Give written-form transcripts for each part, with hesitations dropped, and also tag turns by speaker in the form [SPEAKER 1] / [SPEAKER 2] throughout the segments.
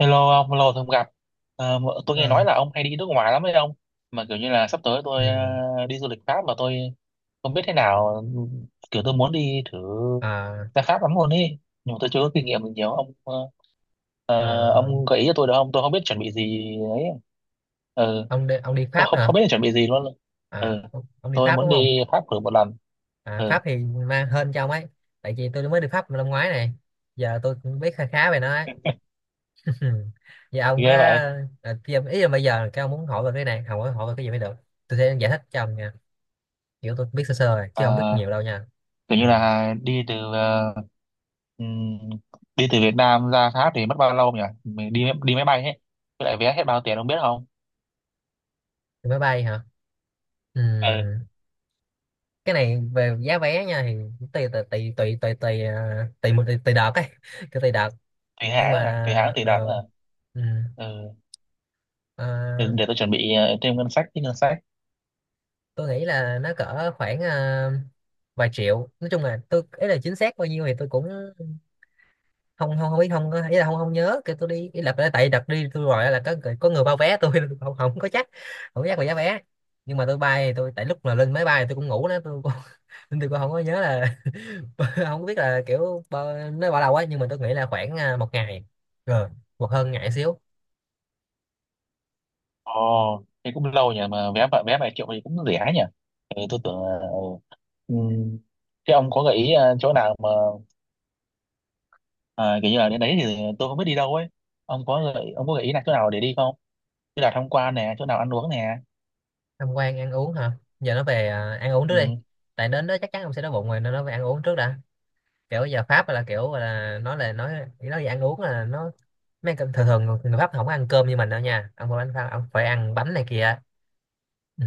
[SPEAKER 1] Hello ông, lâu rồi không gặp. Mà tôi nghe
[SPEAKER 2] Ờ,
[SPEAKER 1] nói là ông hay đi nước ngoài lắm đấy ông. Mà kiểu như là sắp tới
[SPEAKER 2] ừ.
[SPEAKER 1] tôi đi du lịch Pháp mà tôi không biết thế nào. Kiểu tôi muốn đi thử
[SPEAKER 2] à,
[SPEAKER 1] ra Pháp lắm luôn ấy. Nhưng mà tôi chưa có kinh nghiệm gì nhiều. Ông
[SPEAKER 2] ờ,
[SPEAKER 1] ông gợi ý cho tôi được không? Tôi không biết chuẩn bị gì ấy. Ừ,
[SPEAKER 2] ông đi
[SPEAKER 1] không,
[SPEAKER 2] Pháp
[SPEAKER 1] không,
[SPEAKER 2] hả?
[SPEAKER 1] không biết chuẩn bị gì luôn.
[SPEAKER 2] à,
[SPEAKER 1] Ừ,
[SPEAKER 2] ông, ông đi
[SPEAKER 1] tôi
[SPEAKER 2] Pháp
[SPEAKER 1] muốn
[SPEAKER 2] đúng không?
[SPEAKER 1] đi Pháp thử một lần.
[SPEAKER 2] À,
[SPEAKER 1] Ừ,
[SPEAKER 2] Pháp thì mang hên cho ông ấy, tại vì tôi mới đi Pháp năm ngoái này, giờ tôi cũng biết khá khá về nó ấy. Giờ ông có
[SPEAKER 1] ghê vậy.
[SPEAKER 2] à, khi ông- ý là bây giờ cái ông muốn hỏi về cái này, không hỏi hỏi về cái gì mới được? Tôi sẽ giải thích cho ông nha, kiểu tôi biết sơ sơ rồi, chứ không biết
[SPEAKER 1] Ờ,
[SPEAKER 2] nhiều đâu nha.
[SPEAKER 1] kiểu
[SPEAKER 2] Ừ.
[SPEAKER 1] như là đi từ ừm, đi từ Việt Nam ra Pháp thì mất bao lâu nhỉ, mình đi đi máy bay hết, với lại vé hết bao tiền ông biết không?
[SPEAKER 2] Thì máy bay hả? Ừ.
[SPEAKER 1] Ừ,
[SPEAKER 2] Cái này về giá vé nha, thì tùy tùy tùy tùy tùy tùy tùy, tùy, tùy, tùy đợt ấy, cái tùy đợt.
[SPEAKER 1] tùy
[SPEAKER 2] Nhưng
[SPEAKER 1] hãng
[SPEAKER 2] mà
[SPEAKER 1] à, tùy hãng tùy đợt à?
[SPEAKER 2] ờ, ừ,
[SPEAKER 1] Ừ,
[SPEAKER 2] ờ,
[SPEAKER 1] để tôi chuẩn bị thêm ngân sách, chứ ngân sách.
[SPEAKER 2] tôi nghĩ là nó cỡ khoảng vài triệu. Nói chung là tôi ấy, là chính xác bao nhiêu thì tôi cũng không không không biết, không có- ý là không không nhớ. Kêu tôi đi, ý là tại đợt đi tôi gọi là có người bao vé tôi. Tôi không, không có chắc, không có chắc về giá vé. Nhưng mà tôi bay thì tôi, tại lúc mà lên máy bay thì tôi cũng ngủ đó, tôi cũng, nên tôi cũng không có nhớ là không biết là nó bao lâu á, nhưng mà tôi nghĩ là khoảng à, một ngày rồi, một hơn ngày xíu.
[SPEAKER 1] Ồ, thế cũng lâu nhỉ, vé vài triệu thì cũng rẻ nhỉ. Ừ, tôi tưởng ừ. Ừm, thế ông có gợi ý chỗ nào mà à, kiểu như là đến đấy thì tôi không biết đi đâu ấy. Ông có gợi ý là chỗ nào để đi không? Như là tham quan nè, chỗ nào ăn uống nè.
[SPEAKER 2] Tham quan ăn uống hả? Giờ nó về à, ăn uống trước đi,
[SPEAKER 1] Ừ.
[SPEAKER 2] tại đến đó chắc chắn ông sẽ đói bụng rồi, nên nó về ăn uống trước đã. Kiểu giờ Pháp là kiểu là nói về ăn uống là nó, thường thường người Pháp không có ăn cơm như mình đâu nha, ông phải ăn Pháp, ông phải ăn bánh này kia. Ừ.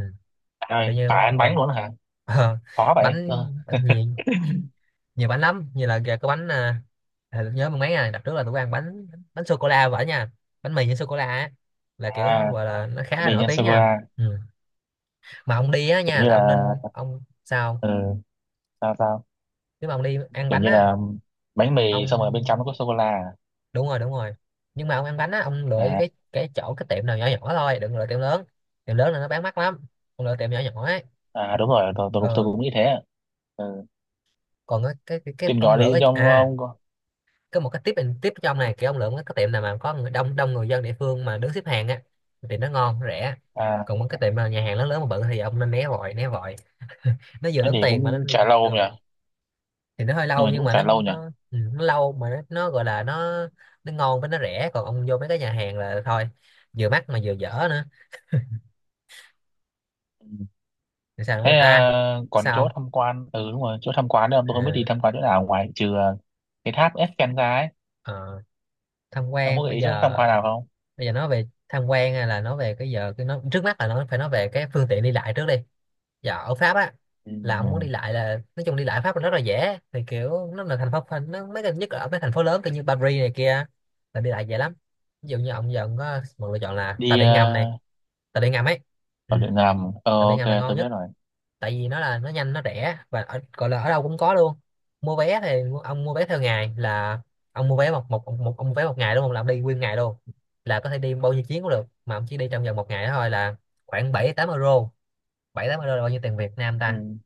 [SPEAKER 2] Kiểu
[SPEAKER 1] Trời,
[SPEAKER 2] như
[SPEAKER 1] phải ăn bánh luôn hả?
[SPEAKER 2] ờ,
[SPEAKER 1] Khó vậy.
[SPEAKER 2] bánh,
[SPEAKER 1] Ờ.
[SPEAKER 2] bánh nhiều, nhiều bánh lắm, như là kìa, có bánh à, à, nhớ mấy ngày đặt trước là tụi tôi ăn bánh, bánh sô cô la vậy nha, bánh mì với sô cô la á, là kiểu
[SPEAKER 1] À,
[SPEAKER 2] nó gọi là nó khá
[SPEAKER 1] bánh
[SPEAKER 2] là
[SPEAKER 1] mì
[SPEAKER 2] nổi
[SPEAKER 1] nhân
[SPEAKER 2] tiếng
[SPEAKER 1] sô cô
[SPEAKER 2] nha.
[SPEAKER 1] la
[SPEAKER 2] Ừ, mà ông đi á
[SPEAKER 1] kiểu
[SPEAKER 2] nha
[SPEAKER 1] như
[SPEAKER 2] là
[SPEAKER 1] là.
[SPEAKER 2] ông nên ông sao,
[SPEAKER 1] Ừ, sao sao?
[SPEAKER 2] nếu mà ông đi ăn
[SPEAKER 1] Kiểu
[SPEAKER 2] bánh
[SPEAKER 1] như
[SPEAKER 2] á,
[SPEAKER 1] là bánh mì
[SPEAKER 2] ông
[SPEAKER 1] xong rồi bên trong nó có sô cô la.
[SPEAKER 2] đúng rồi, đúng rồi. Nhưng mà ông ăn bánh á, ông lựa
[SPEAKER 1] À,
[SPEAKER 2] cái tiệm nào nhỏ nhỏ thôi, đừng lựa tiệm lớn. Tiệm lớn là nó bán mắc lắm, ông lựa tiệm nhỏ nhỏ ấy.
[SPEAKER 1] à à, đúng rồi, tôi
[SPEAKER 2] Ờ,
[SPEAKER 1] cũng nghĩ thế. Ừ.
[SPEAKER 2] còn cái
[SPEAKER 1] Tìm nhỏ
[SPEAKER 2] ông lựa
[SPEAKER 1] đi
[SPEAKER 2] cái
[SPEAKER 1] cho
[SPEAKER 2] à,
[SPEAKER 1] ông có-
[SPEAKER 2] có một cái tip and tip trong này, kiểu ông lựa một cái tiệm nào mà có người đông, đông người dân địa phương mà đứng xếp hàng á, thì nó ngon nó rẻ.
[SPEAKER 1] à
[SPEAKER 2] Còn một cái tiệm mà nhà hàng lớn lớn mà bự thì ông nên né vội, né vội, nó vừa
[SPEAKER 1] thế
[SPEAKER 2] tốn
[SPEAKER 1] thì
[SPEAKER 2] tiền mà nó
[SPEAKER 1] cũng
[SPEAKER 2] đi.
[SPEAKER 1] chả
[SPEAKER 2] Ờ,
[SPEAKER 1] lâu nhỉ.
[SPEAKER 2] thì nó hơi
[SPEAKER 1] Nhưng
[SPEAKER 2] lâu,
[SPEAKER 1] mà
[SPEAKER 2] nhưng
[SPEAKER 1] cũng
[SPEAKER 2] mà
[SPEAKER 1] chả lâu nhỉ.
[SPEAKER 2] nó ừ, nó lâu mà nó gọi là nó ngon với nó rẻ. Còn ông vô mấy cái nhà hàng là thôi, vừa mắc mà vừa dở nữa.
[SPEAKER 1] Ừ.
[SPEAKER 2] Thì sao
[SPEAKER 1] Thế
[SPEAKER 2] nữa à?
[SPEAKER 1] à, còn
[SPEAKER 2] Sao
[SPEAKER 1] chỗ
[SPEAKER 2] không?
[SPEAKER 1] tham quan, ừ đúng rồi, chỗ tham quan nữa tôi không biết đi
[SPEAKER 2] à,
[SPEAKER 1] tham quan chỗ nào ngoài trừ cái tháp Eiffel ra ấy.
[SPEAKER 2] ờ, Tham
[SPEAKER 1] Ông có
[SPEAKER 2] quan
[SPEAKER 1] gợi
[SPEAKER 2] bây
[SPEAKER 1] ý chỗ tham
[SPEAKER 2] giờ,
[SPEAKER 1] quan nào không?
[SPEAKER 2] bây giờ nói về tham quan, hay là nói về cái giờ cái nó trước mắt là nó phải nói về cái phương tiện đi lại trước đi. Giờ ở Pháp á,
[SPEAKER 1] Ừ,
[SPEAKER 2] là ông muốn đi
[SPEAKER 1] ừ.
[SPEAKER 2] lại, là nói chung đi lại Pháp là rất là dễ. Thì kiểu nó là nó mấy cái, nhất là ở mấy thành phố lớn kiểu như Paris này kia, là đi lại dễ lắm. Ví dụ như ông giờ ông có một lựa chọn là tàu
[SPEAKER 1] Đi
[SPEAKER 2] điện ngầm này, tàu điện ngầm ấy. Ừ.
[SPEAKER 1] ở Điện Nam à? Ờ,
[SPEAKER 2] Tàu điện
[SPEAKER 1] ok,
[SPEAKER 2] ngầm là ngon
[SPEAKER 1] tôi biết
[SPEAKER 2] nhất,
[SPEAKER 1] rồi.
[SPEAKER 2] tại vì nó là nó nhanh, nó rẻ và ở, gọi là ở đâu cũng có luôn. Mua vé thì ông mua vé theo ngày, là ông mua vé một một một ông mua vé một ngày đúng không, là ông đi nguyên ngày luôn, là có thể đi bao nhiêu chuyến cũng được, mà ông chỉ đi trong vòng một ngày đó thôi, là khoảng 7-8 euro. 7-8 euro là bao nhiêu tiền Việt Nam ta?
[SPEAKER 1] Ừ.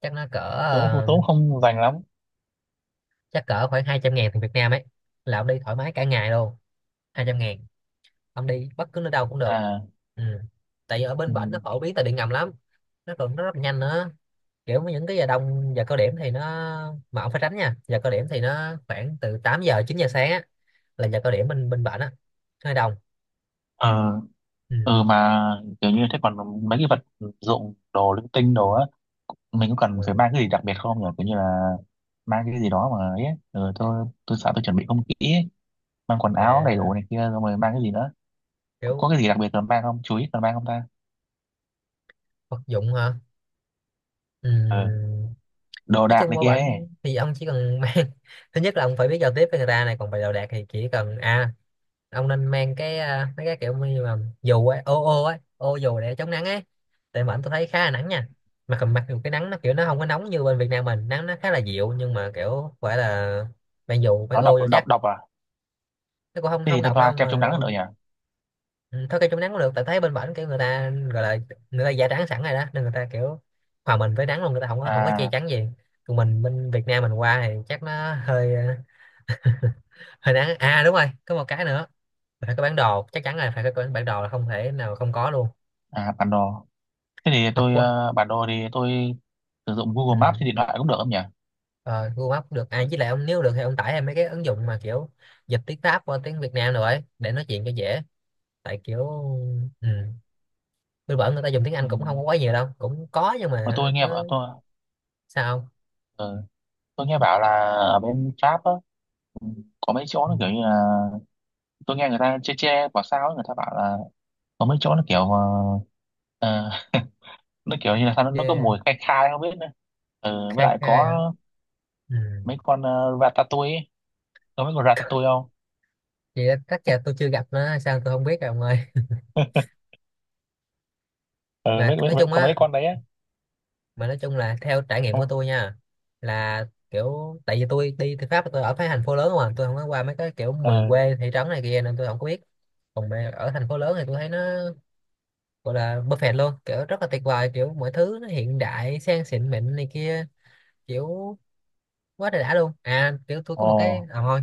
[SPEAKER 2] Chắc nó cỡ
[SPEAKER 1] Tớ cũng tớ cũng không dành lắm.
[SPEAKER 2] chắc cỡ khoảng 200.000 tiền Việt Nam ấy, là ông đi thoải mái cả ngày luôn. 200.000, ông đi bất cứ nơi đâu cũng được.
[SPEAKER 1] À,
[SPEAKER 2] Ừ. Tại vì ở bên
[SPEAKER 1] ừ,
[SPEAKER 2] bển nó phổ biến tàu điện ngầm lắm, nó còn nó rất là nhanh nữa. Kiểu những cái giờ đông, giờ cao điểm thì nó, mà ông phải tránh nha, giờ cao điểm thì nó khoảng từ 8-9 giờ sáng á, là giờ cao điểm bên bên á, nó hơi đông.
[SPEAKER 1] ờ,
[SPEAKER 2] Ừ.
[SPEAKER 1] ừ mà kiểu như thế còn mấy cái vật dụng đồ linh tinh đồ á, mình có cần phải
[SPEAKER 2] Ừ.
[SPEAKER 1] mang cái gì đặc biệt không nhỉ, kiểu như là mang cái gì đó mà ấy. Ừ, tôi sợ tôi chuẩn bị không kỹ ấy. Mang quần áo đầy đủ
[SPEAKER 2] à
[SPEAKER 1] này kia rồi mà mang cái gì nữa,
[SPEAKER 2] kiểu
[SPEAKER 1] có cái gì đặc biệt cần mang không, chú ý cần mang không ta?
[SPEAKER 2] Vật dụng hả? Ừ.
[SPEAKER 1] Ừ, đồ
[SPEAKER 2] Nói
[SPEAKER 1] đạc
[SPEAKER 2] chung
[SPEAKER 1] này
[SPEAKER 2] qua
[SPEAKER 1] kia ấy.
[SPEAKER 2] bệnh thì ông chỉ cần mang, thứ nhất là ông phải biết giao tiếp với người ta này, còn về đồ đạc thì chỉ cần à, ông nên mang cái à, mấy cái kiểu như mà dù ấy, ô ô ấy ô dù để chống nắng ấy, tại mà anh tôi thấy khá là nắng nha. Mà cầm mặc dù cái nắng nó kiểu nó không có nóng như bên Việt Nam mình, nắng nó khá là dịu, nhưng mà kiểu phải là mang dù, phải
[SPEAKER 1] Nó đọc
[SPEAKER 2] ô vô
[SPEAKER 1] đọc
[SPEAKER 2] chắc.
[SPEAKER 1] đọc à?
[SPEAKER 2] Nó cũng không
[SPEAKER 1] Thế
[SPEAKER 2] không
[SPEAKER 1] thì tôi
[SPEAKER 2] độc đâu
[SPEAKER 1] thoa kem chống
[SPEAKER 2] mà.
[SPEAKER 1] nắng nữa nhỉ.
[SPEAKER 2] Ừ, thôi cây chống nắng cũng được, tại thấy bên bển kiểu người ta gọi là, người ta da trắng sẵn rồi đó, nên người ta kiểu hòa mình với nắng luôn, người ta không có che
[SPEAKER 1] À,
[SPEAKER 2] chắn gì. Còn mình bên Việt Nam mình qua thì chắc nó hơi hơi nắng. À đúng rồi, có một cái nữa là phải có bản đồ, chắc chắn là phải có bản đồ, là không thể nào không có luôn.
[SPEAKER 1] à bản đồ, thế thì
[SPEAKER 2] Mặc
[SPEAKER 1] tôi
[SPEAKER 2] quá.
[SPEAKER 1] bản đồ thì tôi sử dụng Google
[SPEAKER 2] Ừ.
[SPEAKER 1] Maps trên điện thoại cũng được không nhỉ?
[SPEAKER 2] Ờ, Google Maps được à, với lại ông nếu được thì ông tải thêm mấy cái ứng dụng mà kiểu dịch tiếng Pháp qua tiếng Việt Nam rồi, để nói chuyện cho dễ, tại kiểu ừ, tôi bảo người ta dùng tiếng
[SPEAKER 1] Ừ.
[SPEAKER 2] Anh cũng không có quá nhiều đâu, cũng có nhưng
[SPEAKER 1] Mà
[SPEAKER 2] mà
[SPEAKER 1] tôi
[SPEAKER 2] nó.
[SPEAKER 1] nghe bảo tôi
[SPEAKER 2] Sao không?
[SPEAKER 1] ờ, tôi nghe bảo là ở bên Pháp á, ừ, có mấy chỗ
[SPEAKER 2] Ừ.
[SPEAKER 1] nó kiểu như là, tôi nghe người ta chê chê bảo sao ấy, người ta bảo là có mấy chỗ nó kiểu ờ, nó kiểu như là sao nó có
[SPEAKER 2] Yeah.
[SPEAKER 1] mùi khai khai không biết nữa. Ừ, với
[SPEAKER 2] Khai
[SPEAKER 1] lại
[SPEAKER 2] khai
[SPEAKER 1] có
[SPEAKER 2] hả? Ừ.
[SPEAKER 1] mấy con ratatouille ấy. Có mấy con ratatouille không?
[SPEAKER 2] Vậy đó, chắc là tôi chưa gặp nó sao, tôi không biết rồi ông ơi.
[SPEAKER 1] ừ,
[SPEAKER 2] mà
[SPEAKER 1] mấy, mấy,
[SPEAKER 2] nói
[SPEAKER 1] mấy,
[SPEAKER 2] chung
[SPEAKER 1] có mấy
[SPEAKER 2] á
[SPEAKER 1] con đấy á.
[SPEAKER 2] mà nói chung là theo trải nghiệm của
[SPEAKER 1] Không.
[SPEAKER 2] tôi nha, là kiểu tại vì tôi đi từ Pháp tôi ở cái thành phố lớn, mà tôi không có qua mấy cái kiểu miền
[SPEAKER 1] Ừ.
[SPEAKER 2] quê, thị trấn này kia, nên tôi không có biết. Còn mà ở thành phố lớn thì tôi thấy nó gọi là perfect luôn, kiểu rất là tuyệt vời, kiểu mọi thứ nó hiện đại sang xịn mịn này kia, kiểu quá trời đã luôn. À kiểu tôi có
[SPEAKER 1] Ồ,
[SPEAKER 2] một cái à, thôi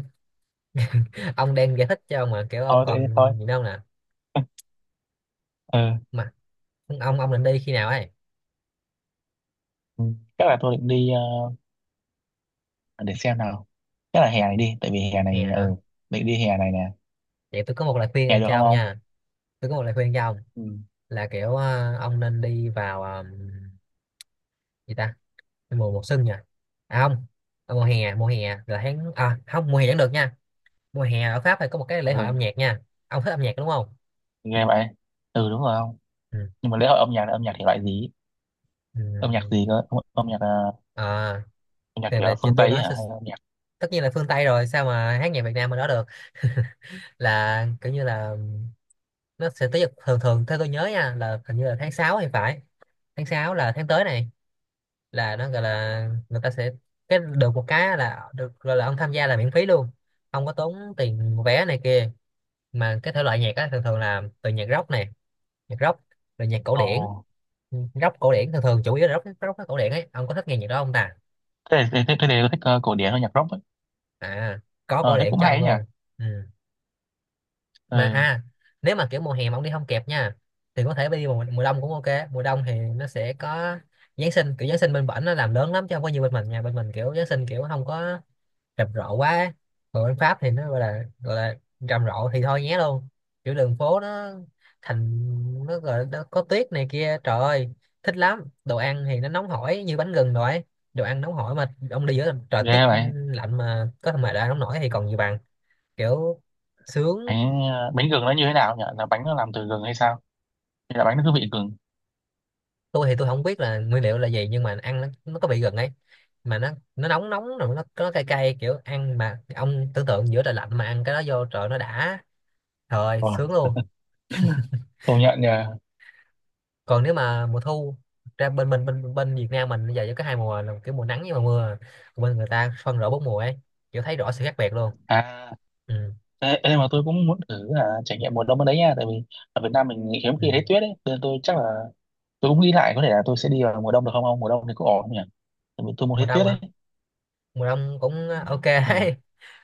[SPEAKER 2] ông đang giải thích cho ông mà, kiểu ông
[SPEAKER 1] thôi tự nhiên
[SPEAKER 2] còn
[SPEAKER 1] thôi.
[SPEAKER 2] gì đâu nè.
[SPEAKER 1] Ừ.
[SPEAKER 2] Mà ông định đi khi nào ấy?
[SPEAKER 1] Ừ, chắc là tôi định đi ờ, để xem nào, chắc là hè này đi, tại vì hè
[SPEAKER 2] Nè
[SPEAKER 1] này
[SPEAKER 2] hả?
[SPEAKER 1] ừ định đi hè này nè.
[SPEAKER 2] Vậy tôi có một lời khuyên
[SPEAKER 1] Hè
[SPEAKER 2] dành
[SPEAKER 1] được
[SPEAKER 2] cho
[SPEAKER 1] không
[SPEAKER 2] ông
[SPEAKER 1] không?
[SPEAKER 2] nha, tôi có một lời khuyên cho ông,
[SPEAKER 1] Ừ.
[SPEAKER 2] là kiểu ông nên đi vào gì ta, mùa mùa xuân nha, à không, ờ, mùa hè, mùa hè là tháng à không, mùa hè vẫn được nha. Mùa hè ở Pháp thì có một cái lễ hội âm
[SPEAKER 1] Ừ.
[SPEAKER 2] nhạc nha. Ông thích âm nhạc đúng không?
[SPEAKER 1] Nghe vậy. Ừ đúng rồi. Không,
[SPEAKER 2] Ừ.
[SPEAKER 1] nhưng mà lễ hội âm nhạc là âm nhạc thể loại gì, âm nhạc
[SPEAKER 2] Ừ.
[SPEAKER 1] gì cơ, âm nhạc
[SPEAKER 2] À,
[SPEAKER 1] âm nhạc
[SPEAKER 2] thì
[SPEAKER 1] kiểu
[SPEAKER 2] về chị
[SPEAKER 1] phương Tây
[SPEAKER 2] tôi
[SPEAKER 1] ấy
[SPEAKER 2] nói
[SPEAKER 1] hả
[SPEAKER 2] sẽ-
[SPEAKER 1] hay là âm nhạc?
[SPEAKER 2] tất nhiên là phương Tây rồi, sao mà hát nhạc Việt Nam mà đó được. Là kiểu như là nó sẽ tới, thường thường theo tôi nhớ nha, là hình như là tháng 6 thì phải. Tháng 6 là tháng tới này, là nó gọi là người ta sẽ, cái được một cái là được gọi là ông tham gia là miễn phí luôn, không có tốn tiền vé này kia. Mà cái thể loại nhạc á thường thường là từ nhạc rock này, nhạc rock, rồi nhạc cổ
[SPEAKER 1] Ồ,
[SPEAKER 2] điển, rock cổ điển, thường thường chủ yếu là rock rock cổ điển ấy. Ông có thích nghe nhạc đó không ta?
[SPEAKER 1] thế thì có thích cổ điển âm nhạc rock ấy.
[SPEAKER 2] À, có cổ
[SPEAKER 1] Ờ, thế
[SPEAKER 2] điển
[SPEAKER 1] cũng
[SPEAKER 2] cho
[SPEAKER 1] hay
[SPEAKER 2] ông
[SPEAKER 1] ấy
[SPEAKER 2] luôn.
[SPEAKER 1] nhỉ.
[SPEAKER 2] Ừ. Mà
[SPEAKER 1] Ừ.
[SPEAKER 2] à, nếu mà kiểu mùa hè mà ông đi không kịp nha, thì có thể đi mùa đông cũng ok. Mùa đông thì nó sẽ có Giáng sinh, kiểu Giáng sinh bên bển nó làm lớn lắm, chứ không có như bên mình nha. Bên mình kiểu Giáng sinh kiểu không có rầm rộ quá ấy. Còn bên Pháp thì nó gọi là rầm rộ thì thôi nhé luôn. Kiểu đường phố nó thành, nó gọi là nó có tuyết này kia, trời ơi thích lắm. Đồ ăn thì nó nóng hổi như bánh gừng rồi ấy. Đồ ăn nóng hổi mà ông đi giữa trời tiết
[SPEAKER 1] Ghê vậy.
[SPEAKER 2] lạnh mà có mà đồ ăn nóng nổi thì còn gì bằng, kiểu sướng.
[SPEAKER 1] Bánh bánh gừng nó như thế nào nhỉ, là bánh nó làm từ gừng hay sao, hay là bánh nó cứ vị gừng?
[SPEAKER 2] Tôi thì tôi không biết là nguyên liệu là gì, nhưng mà ăn nó có vị gừng ấy, mà nó nóng nóng, rồi nó cay cay, kiểu ăn mà ông tưởng tượng giữa trời lạnh mà ăn cái đó vô trời nó đã, trời
[SPEAKER 1] Ồ,
[SPEAKER 2] sướng luôn.
[SPEAKER 1] công nhận nhỉ.
[SPEAKER 2] Còn nếu mà mùa thu ra bên bên bên bên Việt Nam mình bây giờ chỉ có hai mùa là kiểu mùa nắng với mùa mưa, còn bên người ta phân rõ bốn mùa ấy, kiểu thấy rõ sự khác biệt luôn.
[SPEAKER 1] À,
[SPEAKER 2] Ừ,
[SPEAKER 1] ê, ê, mà tôi cũng muốn thử là trải nghiệm mùa đông ở đấy nha, tại vì ở Việt Nam mình hiếm
[SPEAKER 2] ừ.
[SPEAKER 1] khi thấy tuyết ấy, nên tôi chắc là tôi cũng nghĩ lại có thể là tôi sẽ đi vào mùa đông được không ông, mùa đông thì cũng ổn không nhỉ, tại vì tôi muốn
[SPEAKER 2] Mùa
[SPEAKER 1] thấy
[SPEAKER 2] đông
[SPEAKER 1] tuyết
[SPEAKER 2] hả?
[SPEAKER 1] ấy.
[SPEAKER 2] Mùa đông cũng ok
[SPEAKER 1] Ừ.
[SPEAKER 2] đấy.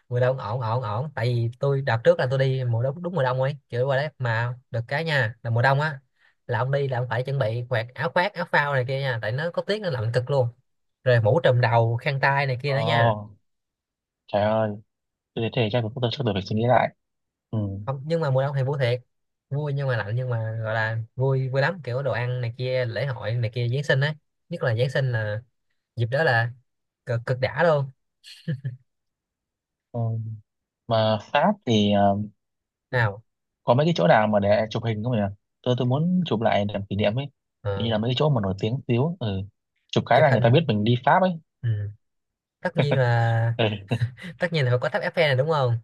[SPEAKER 2] Mùa đông ổn ổn ổn, tại vì tôi đợt trước là tôi đi mùa đông, đúng mùa đông ấy, kiểu qua đấy mà được cái nha, là mùa đông á, là ông đi là ông phải chuẩn bị quạt, áo khoác, áo phao này kia nha, tại nó có tiết nó lạnh cực luôn, rồi mũ trùm đầu, khăn tay này kia nữa nha.
[SPEAKER 1] Ồ, trời ơi, thế thì chắc mình cũng chưa được, phải suy nghĩ lại. Ừ.
[SPEAKER 2] Không, nhưng mà mùa đông thì vui thiệt, vui nhưng mà lạnh, nhưng mà gọi là vui vui lắm, kiểu đồ ăn này kia, lễ hội này kia, Giáng sinh ấy. Nhất là Giáng sinh là dịp đó là cực cực đã luôn.
[SPEAKER 1] Ừ. Mà Pháp thì
[SPEAKER 2] Nào.
[SPEAKER 1] có mấy cái chỗ nào mà để chụp hình không nhỉ? Tôi muốn chụp lại làm kỷ niệm ấy.
[SPEAKER 2] ờ,
[SPEAKER 1] Hình như là mấy cái chỗ mà nổi tiếng xíu. Ừ. Chụp cái
[SPEAKER 2] Chụp
[SPEAKER 1] là người ta biết
[SPEAKER 2] hình,
[SPEAKER 1] mình đi Pháp ấy.
[SPEAKER 2] ừ, tất nhiên là tất nhiên là phải có tháp Eiffel này đúng không.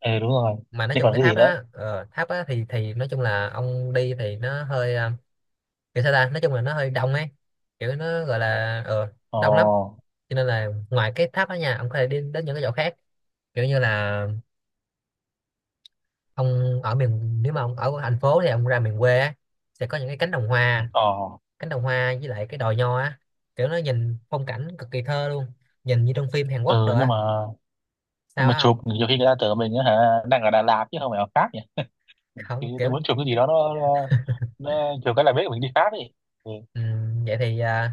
[SPEAKER 1] Ừ, ừ đúng rồi.
[SPEAKER 2] Mà nói
[SPEAKER 1] Thế
[SPEAKER 2] chung
[SPEAKER 1] còn
[SPEAKER 2] cái
[SPEAKER 1] cái gì
[SPEAKER 2] tháp
[SPEAKER 1] nữa?
[SPEAKER 2] đó, tháp á thì nói chung là ông đi thì nó hơi kiểu sao ta, nói chung là nó hơi đông ấy, kiểu nó gọi là
[SPEAKER 1] Ồ,
[SPEAKER 2] đông lắm. Cho nên là ngoài cái tháp đó nha, ông có thể đi đến những cái chỗ khác, kiểu như là ông ở miền, nếu mà ông ở thành phố thì ông ra miền quê á, sẽ có những cái cánh đồng hoa,
[SPEAKER 1] ồ.
[SPEAKER 2] cánh đồng hoa với lại cái đồi nho á, kiểu nó nhìn phong cảnh cực kỳ thơ luôn, nhìn như trong phim Hàn Quốc
[SPEAKER 1] Ừ
[SPEAKER 2] rồi á,
[SPEAKER 1] nhưng
[SPEAKER 2] sao
[SPEAKER 1] mà
[SPEAKER 2] á. Không,
[SPEAKER 1] chụp nhiều khi người ta tưởng mình á hả đang ở Đà Lạt chứ không phải ở Pháp nhỉ? Ừ, thì
[SPEAKER 2] không,
[SPEAKER 1] tôi
[SPEAKER 2] kiểu
[SPEAKER 1] muốn chụp cái gì đó nó chụp cái là biết mình đi Pháp ấy. Ừ.
[SPEAKER 2] ừ, vậy thì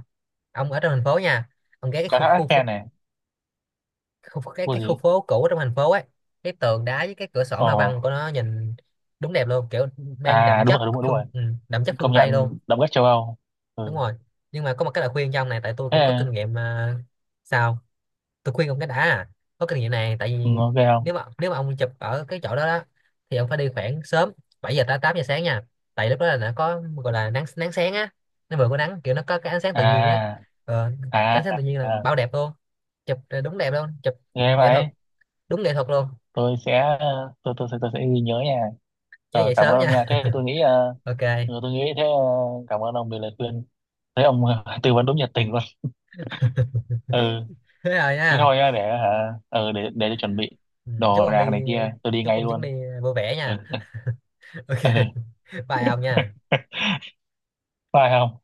[SPEAKER 2] ông ở trong thành phố nha, ông ghé cái
[SPEAKER 1] Có
[SPEAKER 2] khu
[SPEAKER 1] tháp
[SPEAKER 2] khu,
[SPEAKER 1] Eiffel
[SPEAKER 2] khu
[SPEAKER 1] này,
[SPEAKER 2] khu,
[SPEAKER 1] có
[SPEAKER 2] cái khu
[SPEAKER 1] gì?
[SPEAKER 2] phố cũ trong thành phố ấy, cái tường đá với cái cửa sổ hoa văn
[SPEAKER 1] Ồ.
[SPEAKER 2] của nó nhìn đúng đẹp luôn, kiểu mang
[SPEAKER 1] À
[SPEAKER 2] đậm
[SPEAKER 1] đúng
[SPEAKER 2] chất
[SPEAKER 1] rồi đúng rồi đúng
[SPEAKER 2] phương,
[SPEAKER 1] rồi,
[SPEAKER 2] ừ, đậm chất
[SPEAKER 1] công
[SPEAKER 2] phương Tây luôn.
[SPEAKER 1] nhận động đất châu Âu.
[SPEAKER 2] Đúng
[SPEAKER 1] Ừ.
[SPEAKER 2] rồi, nhưng mà có một cái lời khuyên cho ông này, tại tôi
[SPEAKER 1] Thế
[SPEAKER 2] cũng có
[SPEAKER 1] à?
[SPEAKER 2] kinh nghiệm à, sao tôi khuyên ông cái đã à, có kinh nghiệm này. Tại vì
[SPEAKER 1] Ừ, ok không.
[SPEAKER 2] nếu mà ông chụp ở cái chỗ đó đó thì ông phải đi khoảng sớm 7 giờ tới 8 giờ sáng nha, tại lúc đó là nó có gọi là nắng, nắng sáng á, nó vừa có nắng, kiểu nó có cái ánh sáng tự nhiên á,
[SPEAKER 1] À
[SPEAKER 2] ờ, cái ánh
[SPEAKER 1] à,
[SPEAKER 2] sáng tự nhiên là
[SPEAKER 1] à.
[SPEAKER 2] bao đẹp luôn, chụp đúng đẹp luôn, chụp
[SPEAKER 1] Nghe
[SPEAKER 2] nghệ thuật
[SPEAKER 1] vậy.
[SPEAKER 2] đúng nghệ thuật luôn.
[SPEAKER 1] Tôi sẽ tôi sẽ ghi nhớ nha.
[SPEAKER 2] Nhớ dậy
[SPEAKER 1] Cảm
[SPEAKER 2] sớm
[SPEAKER 1] ơn ông
[SPEAKER 2] nha
[SPEAKER 1] nha, thế tôi nghĩ
[SPEAKER 2] ok
[SPEAKER 1] ừ, tôi nghĩ thế. Ờ, Cảm ơn ông vì lời khuyên, thấy ông tư vấn đúng nhiệt tình luôn. Ừ.
[SPEAKER 2] thế rồi
[SPEAKER 1] Thế
[SPEAKER 2] nha.
[SPEAKER 1] thôi nhá, để hả, ừ, để tôi chuẩn bị
[SPEAKER 2] Ừ,
[SPEAKER 1] đồ đạc này kia, tôi đi
[SPEAKER 2] chúc
[SPEAKER 1] ngay
[SPEAKER 2] ông chuyến đi
[SPEAKER 1] luôn.
[SPEAKER 2] vui vẻ
[SPEAKER 1] Ừ.
[SPEAKER 2] nha ok,
[SPEAKER 1] Ừ.
[SPEAKER 2] bye ông nha.
[SPEAKER 1] Phải không?